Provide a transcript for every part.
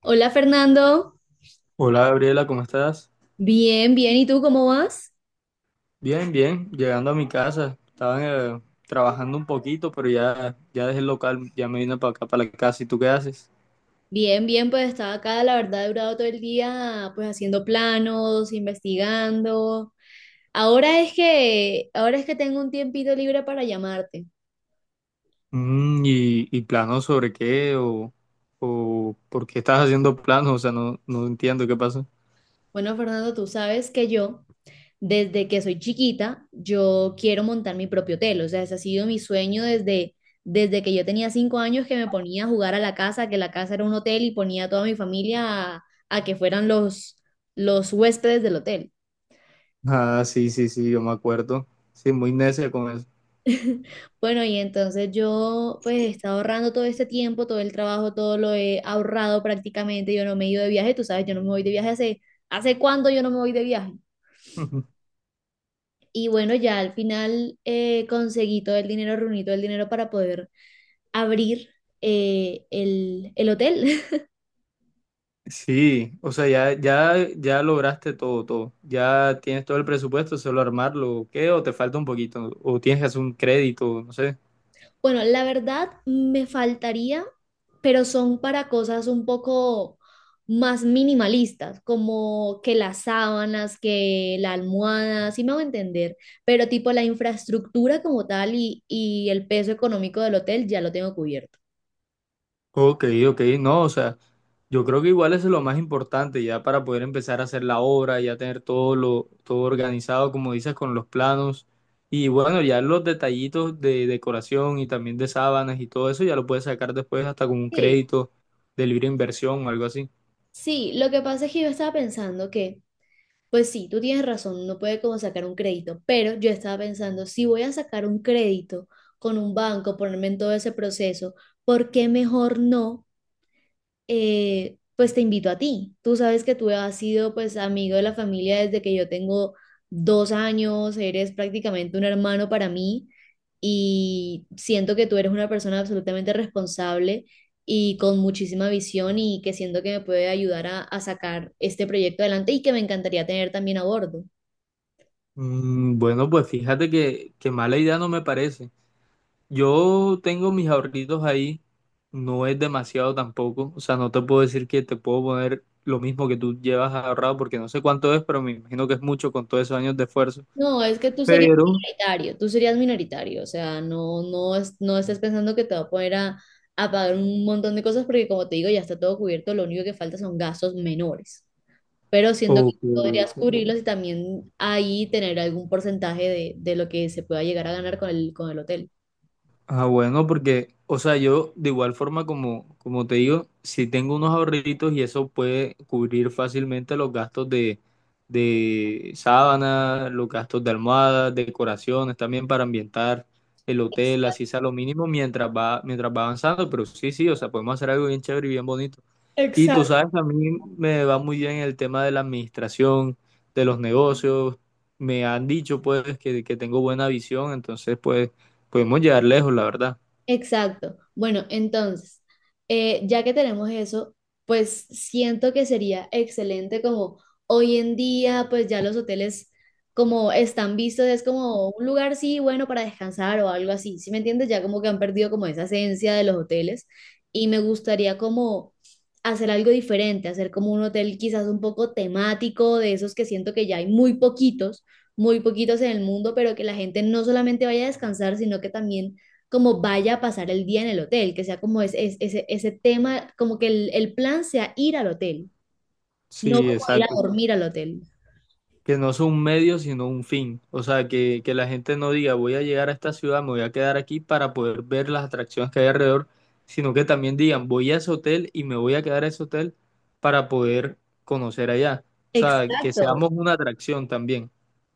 Hola, Fernando, Hola Gabriela, ¿cómo estás? bien, bien, ¿y tú cómo vas? Bien, bien, llegando a mi casa. Estaba trabajando un poquito, pero ya dejé el local, ya me vine para acá, para la casa. ¿Y tú qué haces? Bien, bien, pues estaba acá, la verdad he durado todo el día pues haciendo planos, investigando. Ahora es que tengo un tiempito libre para llamarte. ¿Y planos sobre qué? O por qué estás haciendo planos? O sea, no, no entiendo qué pasó. Bueno, Fernando, tú sabes que yo, desde que soy chiquita, yo quiero montar mi propio hotel. O sea, ese ha sido mi sueño desde que yo tenía 5 años, que me ponía a jugar a la casa, que la casa era un hotel y ponía a toda mi familia a que fueran los huéspedes del hotel. Ah, sí, sí, sí, yo me acuerdo. Sí, muy necia con eso. Bueno, y entonces yo pues he estado ahorrando todo este tiempo, todo el trabajo, todo lo he ahorrado prácticamente. Yo no me he ido de viaje, tú sabes, yo no me voy de viaje ¿hace cuándo yo no me voy de viaje? Y bueno, ya al final conseguí todo el dinero, reuní todo el dinero para poder abrir el hotel. Sí, o sea, ya, ya, ya lograste todo, todo. Ya tienes todo el presupuesto, solo armarlo, ¿o ¿qué? ¿O te falta un poquito? ¿O tienes que hacer un crédito? No sé. Bueno, la verdad me faltaría, pero son para cosas un poco más minimalistas, como que las sábanas, que la almohada, si me hago entender, pero tipo la infraestructura como tal y el peso económico del hotel ya lo tengo cubierto. Ok, ok, no, o sea, yo creo que igual eso es lo más importante ya para poder empezar a hacer la obra, ya tener todo organizado, como dices, con los planos. Y bueno, ya los detallitos de decoración y también de sábanas y todo eso ya lo puedes sacar después hasta con un Sí, crédito de libre inversión o algo así. sí, lo que pasa es que yo estaba pensando que pues sí, tú tienes razón, no puede como sacar un crédito, pero yo estaba pensando, si voy a sacar un crédito con un banco, ponerme en todo ese proceso, ¿por qué mejor no? Pues te invito a ti. Tú sabes que tú has sido pues amigo de la familia desde que yo tengo 2 años, eres prácticamente un hermano para mí y siento que tú eres una persona absolutamente responsable y con muchísima visión y que siento que me puede ayudar a sacar este proyecto adelante y que me encantaría tener también a bordo. Mm, bueno, pues fíjate que mala idea no me parece. Yo tengo mis ahorritos ahí, no es demasiado tampoco, o sea, no te puedo decir que te puedo poner lo mismo que tú llevas ahorrado porque no sé cuánto es, pero me imagino que es mucho con todos esos años de esfuerzo. No, es que Pero, tú serías minoritario, o sea, no estés pensando que te va a poner a pagar un montón de cosas porque como te digo, ya está todo cubierto, lo único que falta son gastos menores, pero siendo que ok. podrías cubrirlos y también ahí tener algún porcentaje de lo que se pueda llegar a ganar con con el hotel. Ah, bueno, porque, o sea, yo de igual forma como te digo, si tengo unos ahorritos y eso puede cubrir fácilmente los gastos de sábana, los gastos de almohadas, decoraciones, también para ambientar el hotel, así sea lo mínimo mientras va avanzando, pero sí, sí, o sea, podemos hacer algo bien chévere y bien bonito. Y tú sabes, a mí me va muy bien el tema de la administración, de los negocios. Me han dicho pues que tengo buena visión, entonces pues podemos llegar lejos, la verdad. Exacto. Bueno, entonces, ya que tenemos eso, pues siento que sería excelente como hoy en día, pues ya los hoteles como están vistos, es como un lugar, sí, bueno, para descansar o algo así, ¿sí me entiendes? Ya como que han perdido como esa esencia de los hoteles y me gustaría como hacer algo diferente, hacer como un hotel quizás un poco temático, de esos que siento que ya hay muy poquitos en el mundo, pero que la gente no solamente vaya a descansar, sino que también como vaya a pasar el día en el hotel, que sea ese, ese tema, como que el plan sea ir al hotel, no Sí, como ir a exacto. dormir al hotel. Que no soy un medio, sino un fin. O sea, que la gente no diga voy a llegar a esta ciudad, me voy a quedar aquí para poder ver las atracciones que hay alrededor, sino que también digan voy a ese hotel y me voy a quedar a ese hotel para poder conocer allá. O sea, que Exacto, seamos una atracción también.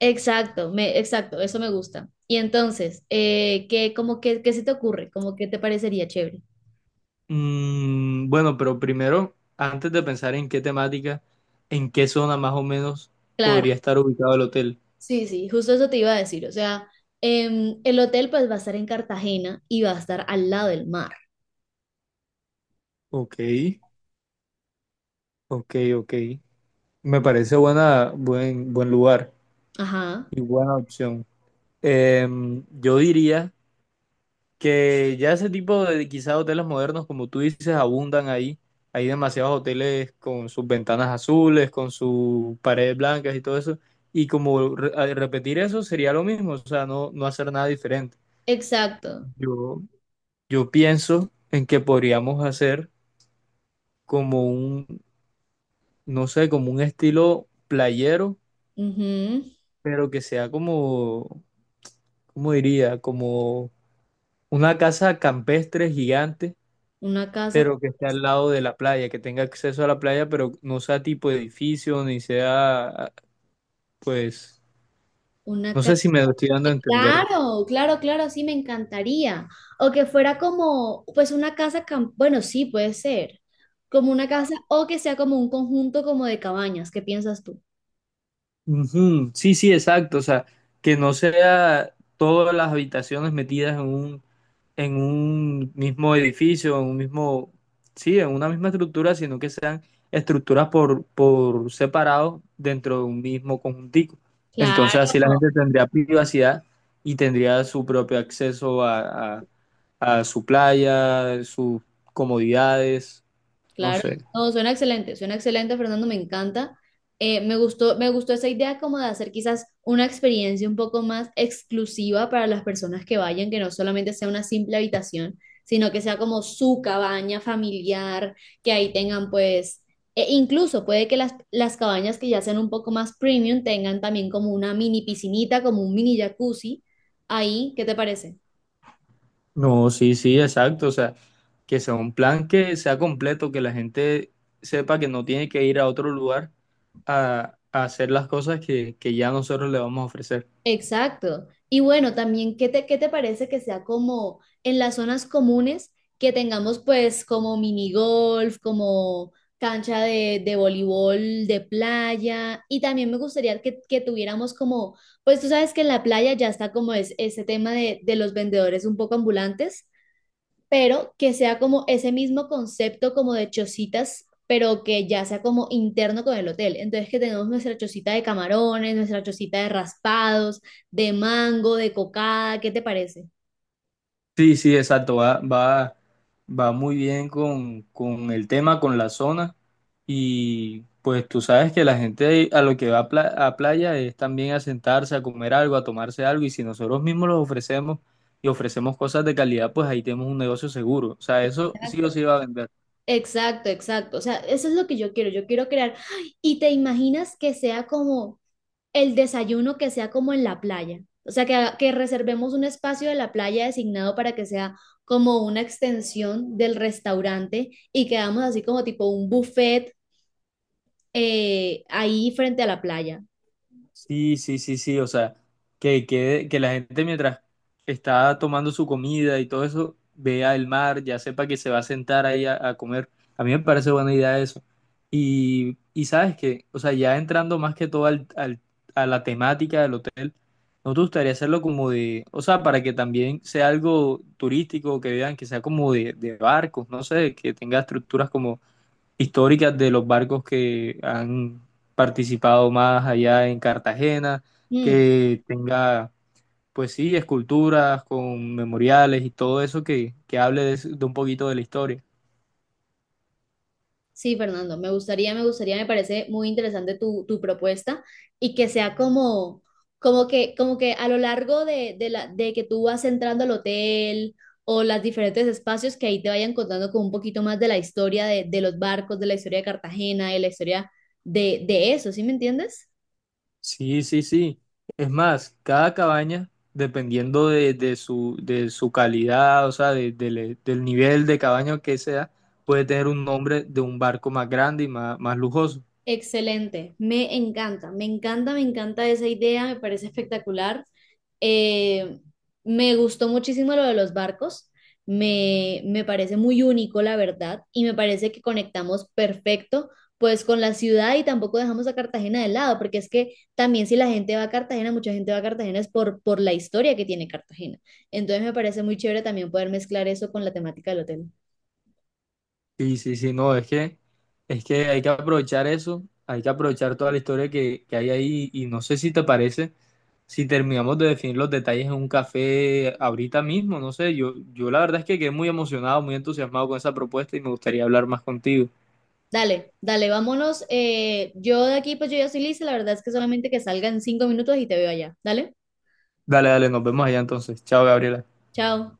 exacto, exacto, eso me gusta. Y entonces, ¿qué, como que, qué se te ocurre?, ¿cómo que te parecería chévere? Mm, bueno, pero primero, antes de pensar en qué temática, en qué zona más o menos Claro. podría estar ubicado el hotel. Sí, sí, justo eso te iba a decir. O sea, el hotel pues va a estar en Cartagena y va a estar al lado del mar. Ok, ok, ok. Me parece buen lugar Ajá, y buena opción. Yo diría que ya ese tipo de quizá hoteles modernos, como tú dices, abundan ahí. Hay demasiados hoteles con sus ventanas azules, con sus paredes blancas y todo eso. Y como repetir eso sería lo mismo, o sea, no, no hacer nada diferente. exacto. Yo, yo pienso en que podríamos hacer como un, no sé, como un estilo playero, Ujú, pero que sea como, ¿cómo diría? Como una casa campestre gigante, una casa, pero que esté al lado de la playa, que tenga acceso a la playa, pero no sea tipo edificio, ni sea, pues, una no sé casa. si me lo estoy dando a entender. Claro, claro, claro, sí, me encantaría. O que fuera como, pues una casa, cam- bueno, sí, puede ser. Como una casa o que sea como un conjunto como de cabañas. ¿Qué piensas tú? Ujú. Sí, sí, exacto. O sea, que no sea todas las habitaciones metidas en un mismo edificio, sí, en una misma estructura, sino que sean estructuras por separado dentro de un mismo conjuntico. Entonces así la Claro. gente tendría privacidad y tendría su propio acceso a su playa, sus comodidades, no Claro, sé. no, suena excelente, Fernando, me encanta. Me gustó esa idea como de hacer quizás una experiencia un poco más exclusiva para las personas que vayan, que no solamente sea una simple habitación, sino que sea como su cabaña familiar, que ahí tengan pues, e incluso puede que las cabañas que ya sean un poco más premium tengan también como una mini piscinita, como un mini jacuzzi ahí, ¿qué te parece? No, sí, sí, exacto. O sea, que sea un plan que sea completo, que la gente sepa que no tiene que ir a otro lugar a hacer las cosas que ya nosotros le vamos a ofrecer. Exacto. Y bueno, también, ¿qué qué te parece que sea como en las zonas comunes que tengamos pues como mini golf, como cancha de voleibol de playa? Y también me gustaría que tuviéramos como, pues tú sabes que en la playa ya está ese tema de los vendedores un poco ambulantes, pero que sea como ese mismo concepto como de chocitas, pero que ya sea como interno con el hotel. Entonces que tenemos nuestra chocita de camarones, nuestra chocita de raspados, de mango, de cocada, ¿qué te parece? Sí, sí, exacto. Va muy bien con el tema, con la zona. Y pues tú sabes que la gente a lo que va a, a playa es también a sentarse, a comer algo, a tomarse algo. Y si nosotros mismos los ofrecemos y ofrecemos cosas de calidad, pues ahí tenemos un negocio seguro. O sea, eso sí o Exacto. sí va a vender. Exacto, exacto. O sea, eso es lo que yo quiero. Yo quiero crear. ¡Ay! Y te imaginas que sea como el desayuno que sea como en la playa. O sea, que reservemos un espacio de la playa designado para que sea como una extensión del restaurante y que hagamos así como tipo un buffet ahí frente a la playa. Sí, sí, sí, sí, o sea, que la gente mientras está tomando su comida y todo eso, vea el mar, ya sepa que se va a sentar ahí a comer. A mí me parece buena idea eso. Y sabes que, o sea, ya entrando más que todo a la temática del hotel, ¿no te gustaría hacerlo como de, o sea, para que también sea algo turístico, que vean que sea como de barcos, no sé, que tenga estructuras como históricas de los barcos que han participado más allá en Cartagena, Mm, que tenga, pues sí, esculturas con memoriales y todo eso que hable de un poquito de la historia. sí, Fernando, me gustaría, me gustaría, me parece muy interesante tu propuesta y que sea como, como que a lo largo de que tú vas entrando al hotel o los diferentes espacios que ahí te vayan contando con un poquito más de la historia de los barcos, de la historia de Cartagena, de la historia de eso, ¿sí me entiendes? Sí, sí, sí. Es más, cada cabaña, dependiendo de, de su calidad, o sea, del nivel de cabaña que sea, puede tener un nombre de un barco más grande y más, más lujoso. Excelente, me encanta, me encanta, me encanta esa idea, me parece espectacular. Eh, me gustó muchísimo lo de los barcos, me parece muy único, la verdad, y me parece que conectamos perfecto pues con la ciudad y tampoco dejamos a Cartagena de lado, porque es que también si la gente va a Cartagena, mucha gente va a Cartagena es por la historia que tiene Cartagena. Entonces me parece muy chévere también poder mezclar eso con la temática del hotel. Sí, sí, sí, no, es que hay que aprovechar eso, hay que aprovechar toda la historia que hay ahí y no sé si te parece, si terminamos de definir los detalles en un café ahorita mismo, no sé, yo la verdad es que quedé muy emocionado, muy entusiasmado con esa propuesta y me gustaría hablar más contigo. Dale, dale, vámonos. Yo de aquí, pues yo ya soy lista. La verdad es que solamente que salgan 5 minutos y te veo allá. Dale, Dale, dale, nos vemos allá entonces. Chao, Gabriela. chao.